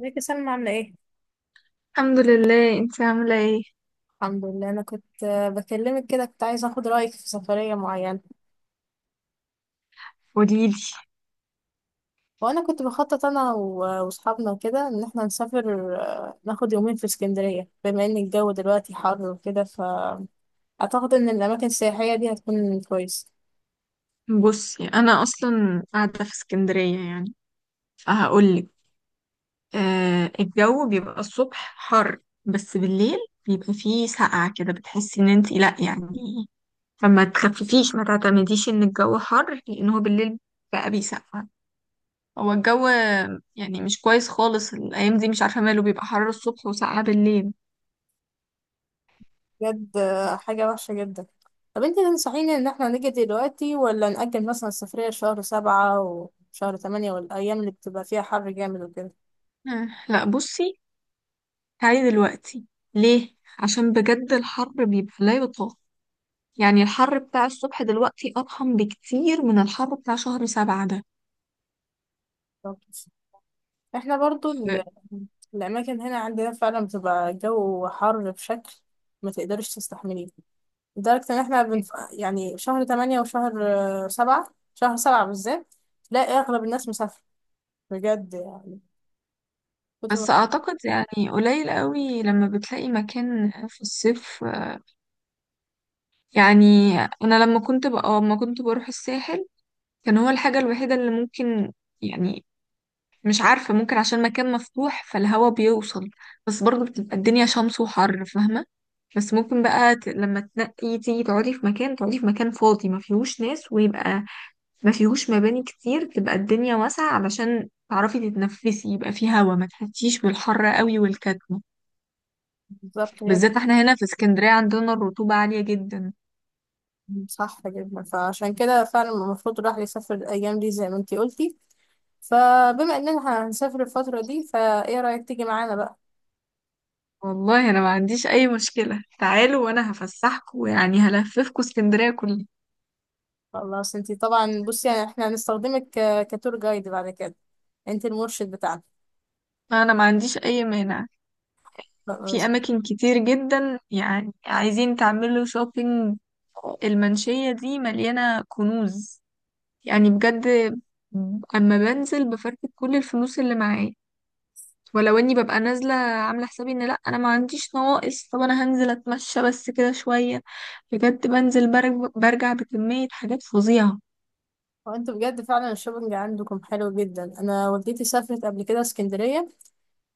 ازيك يا سلمى عاملة ايه؟ الحمد لله، انت عاملة ايه؟ الحمد لله. أنا كنت بكلمك كده، كنت عايزة أخد رأيك في سفرية معينة. قوليلي. وأنا كنت بخطط أنا وأصحابنا وكده إن احنا نسافر، ناخد يومين في اسكندرية، بما إن الجو دلوقتي حر وكده، فأعتقد إن الأماكن السياحية دي هتكون كويسة. بصي، انا اصلا قاعدة في اسكندرية يعني، فهقولك. آه، الجو بيبقى الصبح حر بس بالليل بيبقى فيه سقعة كده، بتحسي ان انت لا يعني. فما تخففيش، ما تعتمديش ان الجو حر، لان هو بالليل بقى بيسقع. هو الجو يعني مش كويس خالص الايام دي، مش عارفة ماله، بيبقى حر الصبح وسقعة بالليل. بجد، حاجة وحشة جدا. طب انت تنصحيني إن احنا نيجي دلوقتي، ولا نأجل مثلا السفرية شهر سبعة وشهر تمانية والأيام اللي بتبقى فيها حر جامد وكده؟ آه لا، بصي، تعالي دلوقتي. ليه؟ عشان بجد الحر بيبقى لا يطاق. يعني الحر بتاع الصبح دلوقتي أضخم بكتير من الحر بتاع شهر 7 ده. احنا برضو الأماكن هنا عندنا فعلا بتبقى جو حر بشكل ما تقدرش تستحمليه، لدرجة إن احنا يعني شهر تمانية وشهر سبعة، شهر سبعة بالذات تلاقي أغلب الناس مسافرة بجد، يعني كتر ما. بس أعتقد يعني قليل قوي لما بتلاقي مكان في الصيف، يعني. أنا لما كنت بروح الساحل كان هو الحاجة الوحيدة اللي ممكن، يعني، مش عارفة، ممكن عشان مكان مفتوح فالهوا بيوصل. بس برضه بتبقى الدنيا شمس وحر، فاهمة؟ بس ممكن بقى لما تنقي تيجي تقعدي في مكان فاضي ما فيهوش ناس، ويبقى ما فيهوش مباني كتير، تبقى الدنيا واسعة علشان تعرفي تتنفسي، يبقى فيه هوا، ما تحسيش بالحر قوي والكتمة. بالظبط هي. بالذات احنا هنا في اسكندرية عندنا الرطوبة عالية جدا. صح جدا، فعشان كده فعلا المفروض الواحد يسافر الأيام دي زي ما انتي قلتي. فبما إننا هنسافر الفترة دي، فإيه رأيك تيجي معانا بقى؟ والله انا ما عنديش اي مشكلة، تعالوا وانا هفسحكوا، يعني هلففكوا اسكندرية كلها. خلاص انتي طبعا، بصي يعني احنا هنستخدمك كتور جايد بعد كده، انتي المرشد بتاعنا. انا ما عنديش اي مانع. في خلاص. اماكن كتير جدا، يعني عايزين تعملوا شوبينج، المنشية دي مليانة كنوز، يعني بجد. اما بنزل بفرتك كل الفلوس اللي معايا، ولو اني ببقى نازله عامله حسابي ان لا، انا ما عنديش نواقص، طب انا هنزل اتمشى بس كده شويه، بجد بنزل برجع بكميه حاجات فظيعه. وانتوا بجد فعلا الشوبنج عندكم حلو جدا. انا والدتي سافرت قبل كده اسكندريه،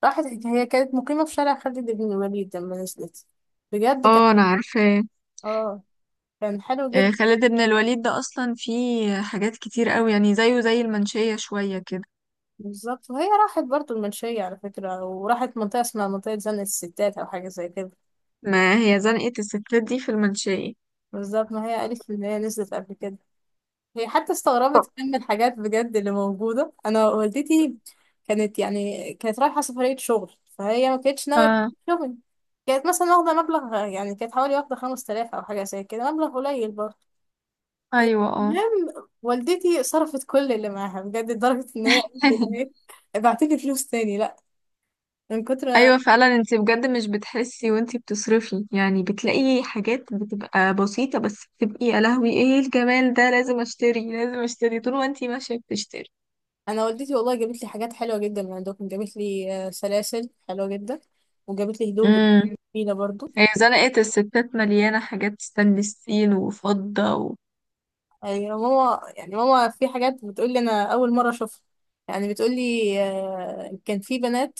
راحت هي كانت مقيمه في شارع خالد بن الوليد. لما نزلت بجد كان اه انا عارفه. اه، كان حلو جدا. خالد بن الوليد ده اصلا فيه حاجات كتير قوي، يعني زيه زي المنشيه شويه كده. بالظبط، وهي راحت برضو المنشيه على فكره، وراحت منطقه اسمها منطقه زنقه الستات او حاجه زي كده. ما هي زنقه الستات دي في المنشيه. بالظبط، ما هي قالت ان هي نزلت قبل كده، هي حتى استغربت طب. كمان من الحاجات بجد اللي موجودة. أنا والدتي كانت يعني كانت رايحة سفرية شغل، فهي ما كانتش ناوية اه. شغل، كانت مثلا واخدة مبلغ، يعني كانت حوالي واخدة خمس تلاف أو حاجة زي كده، مبلغ قليل برضه. ايوه اه. المهم والدتي صرفت كل اللي معاها بجد، لدرجة إن هي قالت إن هي ابعتلي فلوس تاني، لأ، من كتر ما- ايوه فعلا، انت بجد مش بتحسي وانت بتصرفي، يعني بتلاقي حاجات بتبقى بسيطة بس بتبقي يا لهوي ايه الجمال ده، لازم اشتري لازم اشتري، طول ما انت ماشية بتشتري. أنا والدتي والله جابت لي حاجات حلوة جدا من عندكم، جابت لي سلاسل حلوة جدا، وجابت لي هدوم بجد امم. جميلة برضه. هي زنقة الستات مليانة حاجات ستانلس ستيل وفضة و... ايوه ماما، يعني ماما في حاجات بتقول لي انا اول مره اشوفها. يعني بتقول لي كان في بنات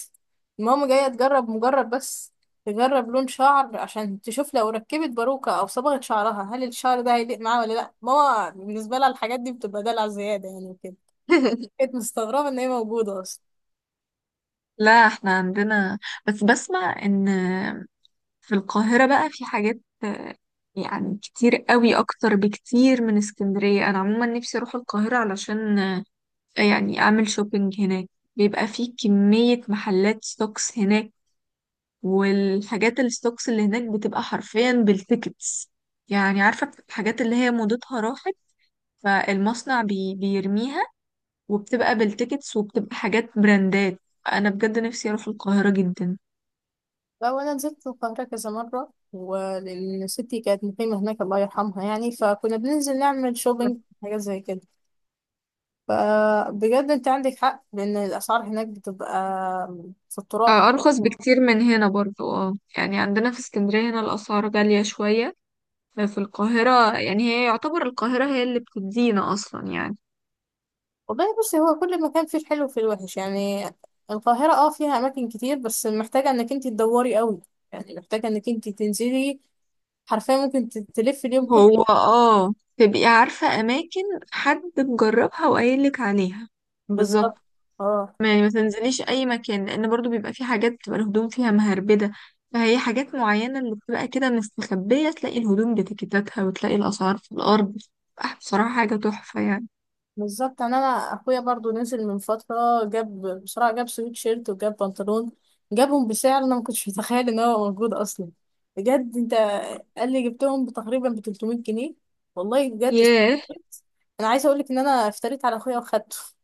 ماما جايه تجرب، مجرد بس تجرب لون شعر عشان تشوف لو ركبت باروكه او صبغت شعرها هل الشعر ده هيليق معاها ولا لا. ماما بالنسبه لها الحاجات دي بتبقى دلع زياده يعني وكده. كانت مستغربه ان هي موجوده اصلا. لا، احنا عندنا، بس بسمع ان في القاهرة بقى في حاجات، يعني كتير قوي، اكتر بكتير من اسكندرية. انا عموما نفسي اروح القاهرة علشان يعني اعمل شوبينج هناك. بيبقى فيه كمية محلات ستوكس هناك، والحاجات الستوكس اللي هناك بتبقى حرفيا بالتيكتس، يعني عارفة الحاجات اللي هي موضتها راحت، فالمصنع بي بيرميها، وبتبقى بالتيكتس وبتبقى حاجات براندات. انا بجد نفسي اروح القاهرة جدا. لا، وانا نزلت القاهره كذا مره، ولان ستي كانت مقيمه هناك الله يرحمها، يعني فكنا بننزل نعمل شوبينج، حاجات زي كده. فبجد انت عندك حق، لان الاسعار هناك بتبقى في التراب. ارخص بكتير من هنا برضو، اه يعني عندنا في اسكندرية هنا الاسعار غالية شوية. في القاهرة، يعني هي يعتبر القاهرة هي اللي بتدينا اصلا، يعني. والله بصي، هو كل مكان فيه الحلو وفيه الوحش يعني. القاهرة اه فيها اماكن كتير، بس محتاجة انك انت تدوري قوي، يعني محتاجة انك انت تنزلي حرفيا، ممكن تلفي اليوم كله. هو اه تبقي عارفة أماكن، حد مجربها وقايلك عليها. بالظبط. بالظبط. اه يعني ما تنزليش أي مكان، لأن برضو بيبقى في حاجات بتبقى الهدوم فيها مهربدة، فهي حاجات معينة اللي بتبقى كده مستخبية، تلاقي الهدوم بتكتاتها وتلاقي الأسعار في الأرض. بصراحة حاجة تحفة يعني. بالظبط. يعني انا اخويا برضو نزل من فتره، جاب بسرعه، جاب سويت شيرت وجاب بنطلون، جابهم بسعر انا ما كنتش متخيل ان هو موجود اصلا. بجد انت، قال لي جبتهم تقريبا ب 300 جنيه. والله بجد ياه. استغربت. انا عايزه اقول لك ان انا افتريت على اخويا واخدته.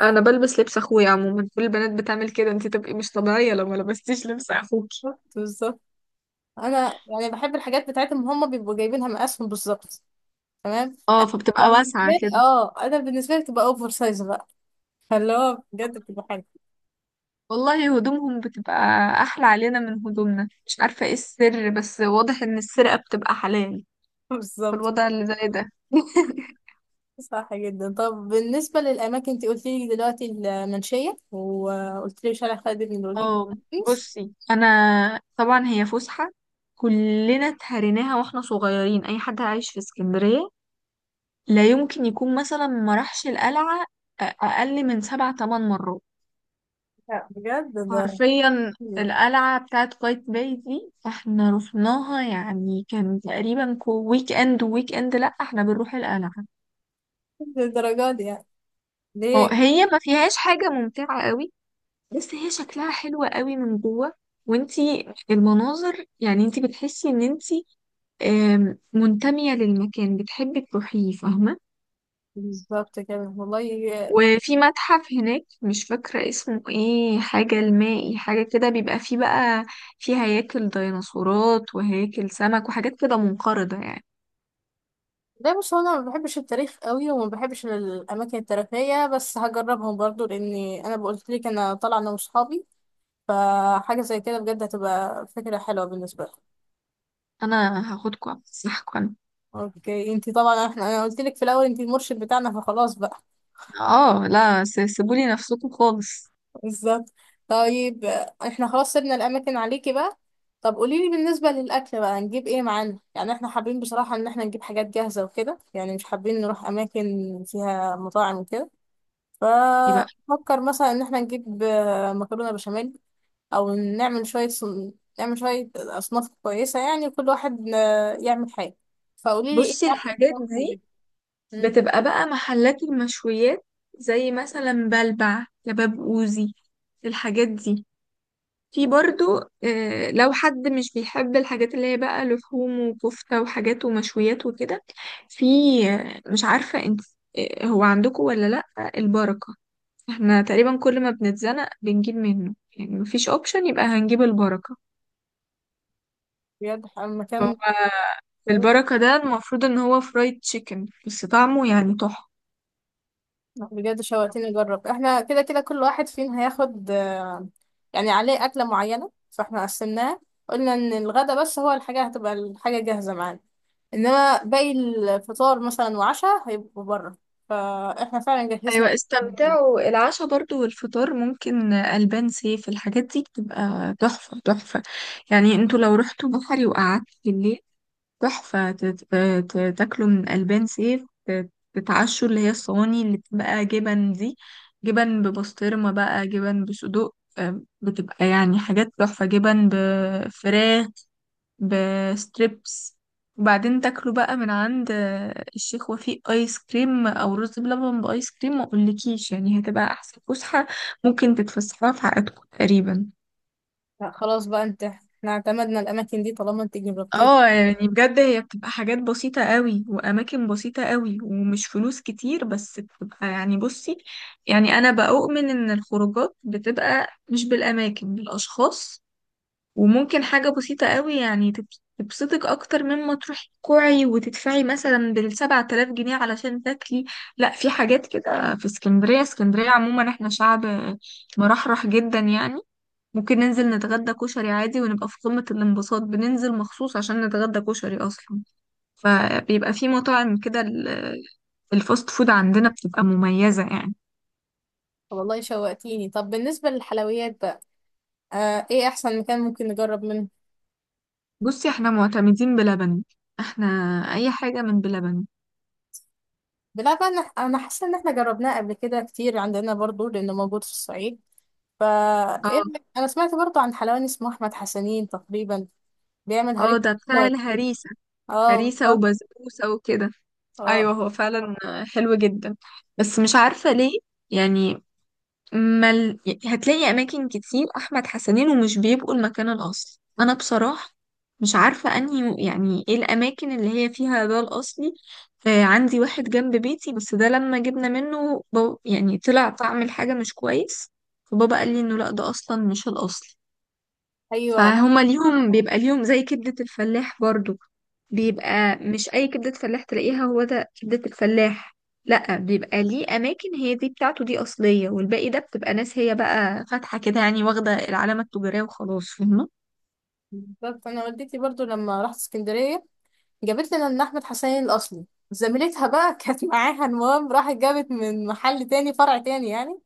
أنا بلبس لبس أخويا عموما، كل البنات بتعمل كده، انتي تبقي مش طبيعية لو ما لبستيش لبس أخوكي. بالظبط. انا يعني بحب الحاجات بتاعتهم، هم بيبقوا جايبينها مقاسهم بالظبط تمام، اه، أنا بتبقى فبتبقى بالنسبه واسعة لي كده. اه، انا بالنسبه لي بتبقى اوفر سايز بقى، فاللي هو بجد بتبقى حلوه. والله هدومهم بتبقى احلى علينا من هدومنا، مش عارفة ايه السر، بس واضح ان السرقة بتبقى حلال في بالظبط. الوضع اللي زي ده. صح جدا. طب بالنسبة للأماكن، أنت قلت لي دلوقتي المنشية، وقلت لي شارع خالد بن الوليد اه بس. بصي انا، طبعا هي فسحة كلنا اتهريناها واحنا صغيرين، اي حد عايش في اسكندرية لا يمكن يكون مثلا ما راحش القلعة اقل من سبع تمن مرات. لا بجد ده، حرفيا القلعة بتاعت قايتباي دي احنا رحناها، يعني كان تقريبا ويك اند ويك اند لا احنا بنروح القلعة. للدرجة دي يعني هو ليه؟ هي ما فيهاش حاجة ممتعة قوي، بس هي شكلها حلوة قوي من جوه، وانتي المناظر، يعني انتي بتحسي ان انتي منتمية للمكان، بتحبي تروحيه، فاهمة؟ بالظبط كده والله. وفي متحف هناك مش فاكرة اسمه ايه، حاجة المائي حاجة كده، بيبقى فيه بقى فيه هياكل ديناصورات وهياكل سمك وحاجات كده منقرضة يعني. ده بص، هو أنا ما بحبش التاريخ قوي، وما بحبش الأماكن التاريخية، بس هجربهم برضو لأني أنا قلت لك أنا طالعة أنا وصحابي، فحاجة زي كده بجد هتبقى فكرة حلوة بالنسبة لي. انا هاخدكم افسحكم. أوكي، أنت طبعا إحنا أنا قلت لك في الأول أنت المرشد بتاعنا، فخلاص بقى. اه لا، سيبولي نفسكم خالص. بالظبط. طيب احنا خلاص سيبنا الاماكن عليكي بقى. طب قولي لي بالنسبه للاكل بقى، هنجيب ايه معانا؟ يعني احنا حابين بصراحه ان احنا نجيب حاجات جاهزه وكده، يعني مش حابين نروح اماكن فيها مطاعم وكده. يبقى. ففكر مثلا ان احنا نجيب مكرونه بشاميل، او نعمل نعمل شويه اصناف كويسه، يعني كل واحد يعمل حاجه. فقولي لي ايه بصي احسن الحاجات مكان دي نجيبه؟ مم، بتبقى بقى محلات المشويات، زي مثلا بلبع كباب اوزي، الحاجات دي. في برضو، لو حد مش بيحب الحاجات اللي هي بقى لحوم وكفتة وحاجات ومشويات وكده، في، مش عارفة انت، هو عندكم ولا لأ، البركة. احنا تقريبا كل ما بنتزنق بنجيب منه، يعني مفيش اوبشن يبقى هنجيب البركة. بجد هو مكان. البركة ده المفروض ان هو فرايد تشيكن بس طعمه يعني تحفة. لا، بجد شوقتني اجرب. احنا كده كده كل واحد فينا هياخد يعني عليه اكله معينه، فاحنا قسمناها، قلنا ان الغدا بس هو الحاجه، هتبقى الحاجه جاهزه معانا، انما باقي الفطار مثلا وعشاء هيبقوا بره، فاحنا فعلا جهزنا. ايوه استمتعوا، العشاء برضو والفطار ممكن البان سيف، الحاجات دي بتبقى تحفه تحفه. يعني انتوا لو رحتوا بحري وقعدتوا بالليل، تحفه، تاكلوا من البان سيف، تتعشوا اللي هي الصواني اللي بتبقى جبن دي، جبن ببسطرمه بقى، جبن بصدوق، بتبقى يعني حاجات تحفه، جبن بفراخ بستريبس، وبعدين تاكلوا بقى من عند الشيخ وفيق ايس كريم او رز بلبن بايس كريم، ما اقولكيش يعني هتبقى احسن فسحه ممكن تتفسحوها في حياتكم تقريبا. لا خلاص بقى، انت احنا اعتمدنا الاماكن دي طالما انت جربتيها. اه يعني بجد هي بتبقى حاجات بسيطة قوي وأماكن بسيطة قوي ومش فلوس كتير، بس بتبقى يعني بصي، يعني أنا بأؤمن إن الخروجات بتبقى مش بالأماكن بالأشخاص. وممكن حاجة بسيطة قوي يعني تبسطك أكتر مما تروحي تكوعي وتدفعي مثلا بـ7000 جنيه علشان تاكلي. لا، في حاجات كده في اسكندرية، اسكندرية عموما احنا شعب مرحرح جدا يعني. ممكن ننزل نتغدى كشري عادي ونبقى في قمة الانبساط، بننزل مخصوص عشان نتغدى كشري أصلا. فبيبقى في مطاعم كده، الفاست فود عندنا بتبقى مميزة يعني. طب والله شوقتيني. طب بالنسبه للحلويات بقى، آه ايه احسن مكان ممكن نجرب منه؟ بصي احنا معتمدين بلبن، احنا أي حاجة من بلبن. بلا بقى، انا أنا حاسه ان احنا جربناه قبل كده كتير عندنا برضو لانه موجود في الصعيد، فا إيه اه. رأيك؟ انا سمعت برضو عن حلواني اسمه احمد حسنين تقريبا بيعمل اه هريسه ده بتاع حلوة. الهريسة. اه هريسة بالظبط. وبسبوسة وكده. اه ايوه هو فعلا حلو جدا. بس مش عارفة ليه يعني مل... هتلاقي اماكن كتير احمد حسنين ومش بيبقوا المكان الاصلي. انا بصراحة مش عارفة انهي، يعني ايه الاماكن اللي هي فيها ده الاصلي. آه عندي واحد جنب بيتي، بس ده لما جبنا منه يعني طلع طعم الحاجة مش كويس، فبابا قال لي انه لا ده اصلا مش الاصلي. ايوه فهما ليهم بيبقى ليهم زي كبدة الفلاح برضو، بيبقى مش أي كبدة فلاح تلاقيها هو ده كبدة الفلاح. لأ بيبقى ليه أماكن هي دي بتاعته دي أصلية، والباقي ده بتبقى ناس هي بقى فاتحة كده، يعني واخدة العلامة التجارية وخلاص، فاهمة؟ بالظبط. انا والدتي برضو لما رحت اسكندريه جابت لنا ان احمد حسنين الاصلي، زميلتها بقى كانت معاها. المهم راحت جابت من محل تاني، فرع تاني يعني.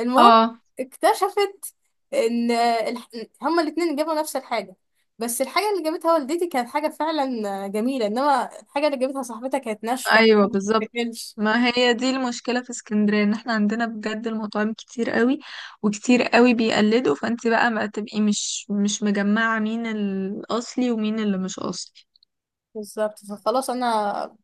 المهم اه. اكتشفت ان هما الاتنين جابوا نفس الحاجه، بس الحاجه اللي جابتها والدتي كانت حاجه فعلا جميله، انما الحاجه اللي جابتها صاحبتها كانت ناشفه ايوه ما بالظبط. بتتاكلش. ما هي دي المشكله في اسكندريه، ان احنا عندنا بجد المطاعم كتير قوي وكتير قوي بيقلدوا، فانت بقى ما تبقي مش مجمعه مين الاصلي ومين اللي مش اصلي. بالظبط. فخلاص انا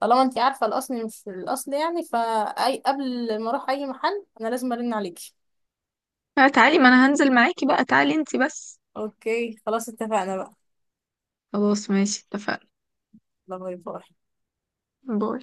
طالما انت عارفه الاصل مش الاصل يعني، فاي قبل ما اروح اي محل انا لازم ارن عليكي. لا تعالي، ما انا هنزل معاكي بقى، تعالي انتي بس. اوكي خلاص اتفقنا بقى. خلاص ماشي اتفقنا. يلا باي باي. باي.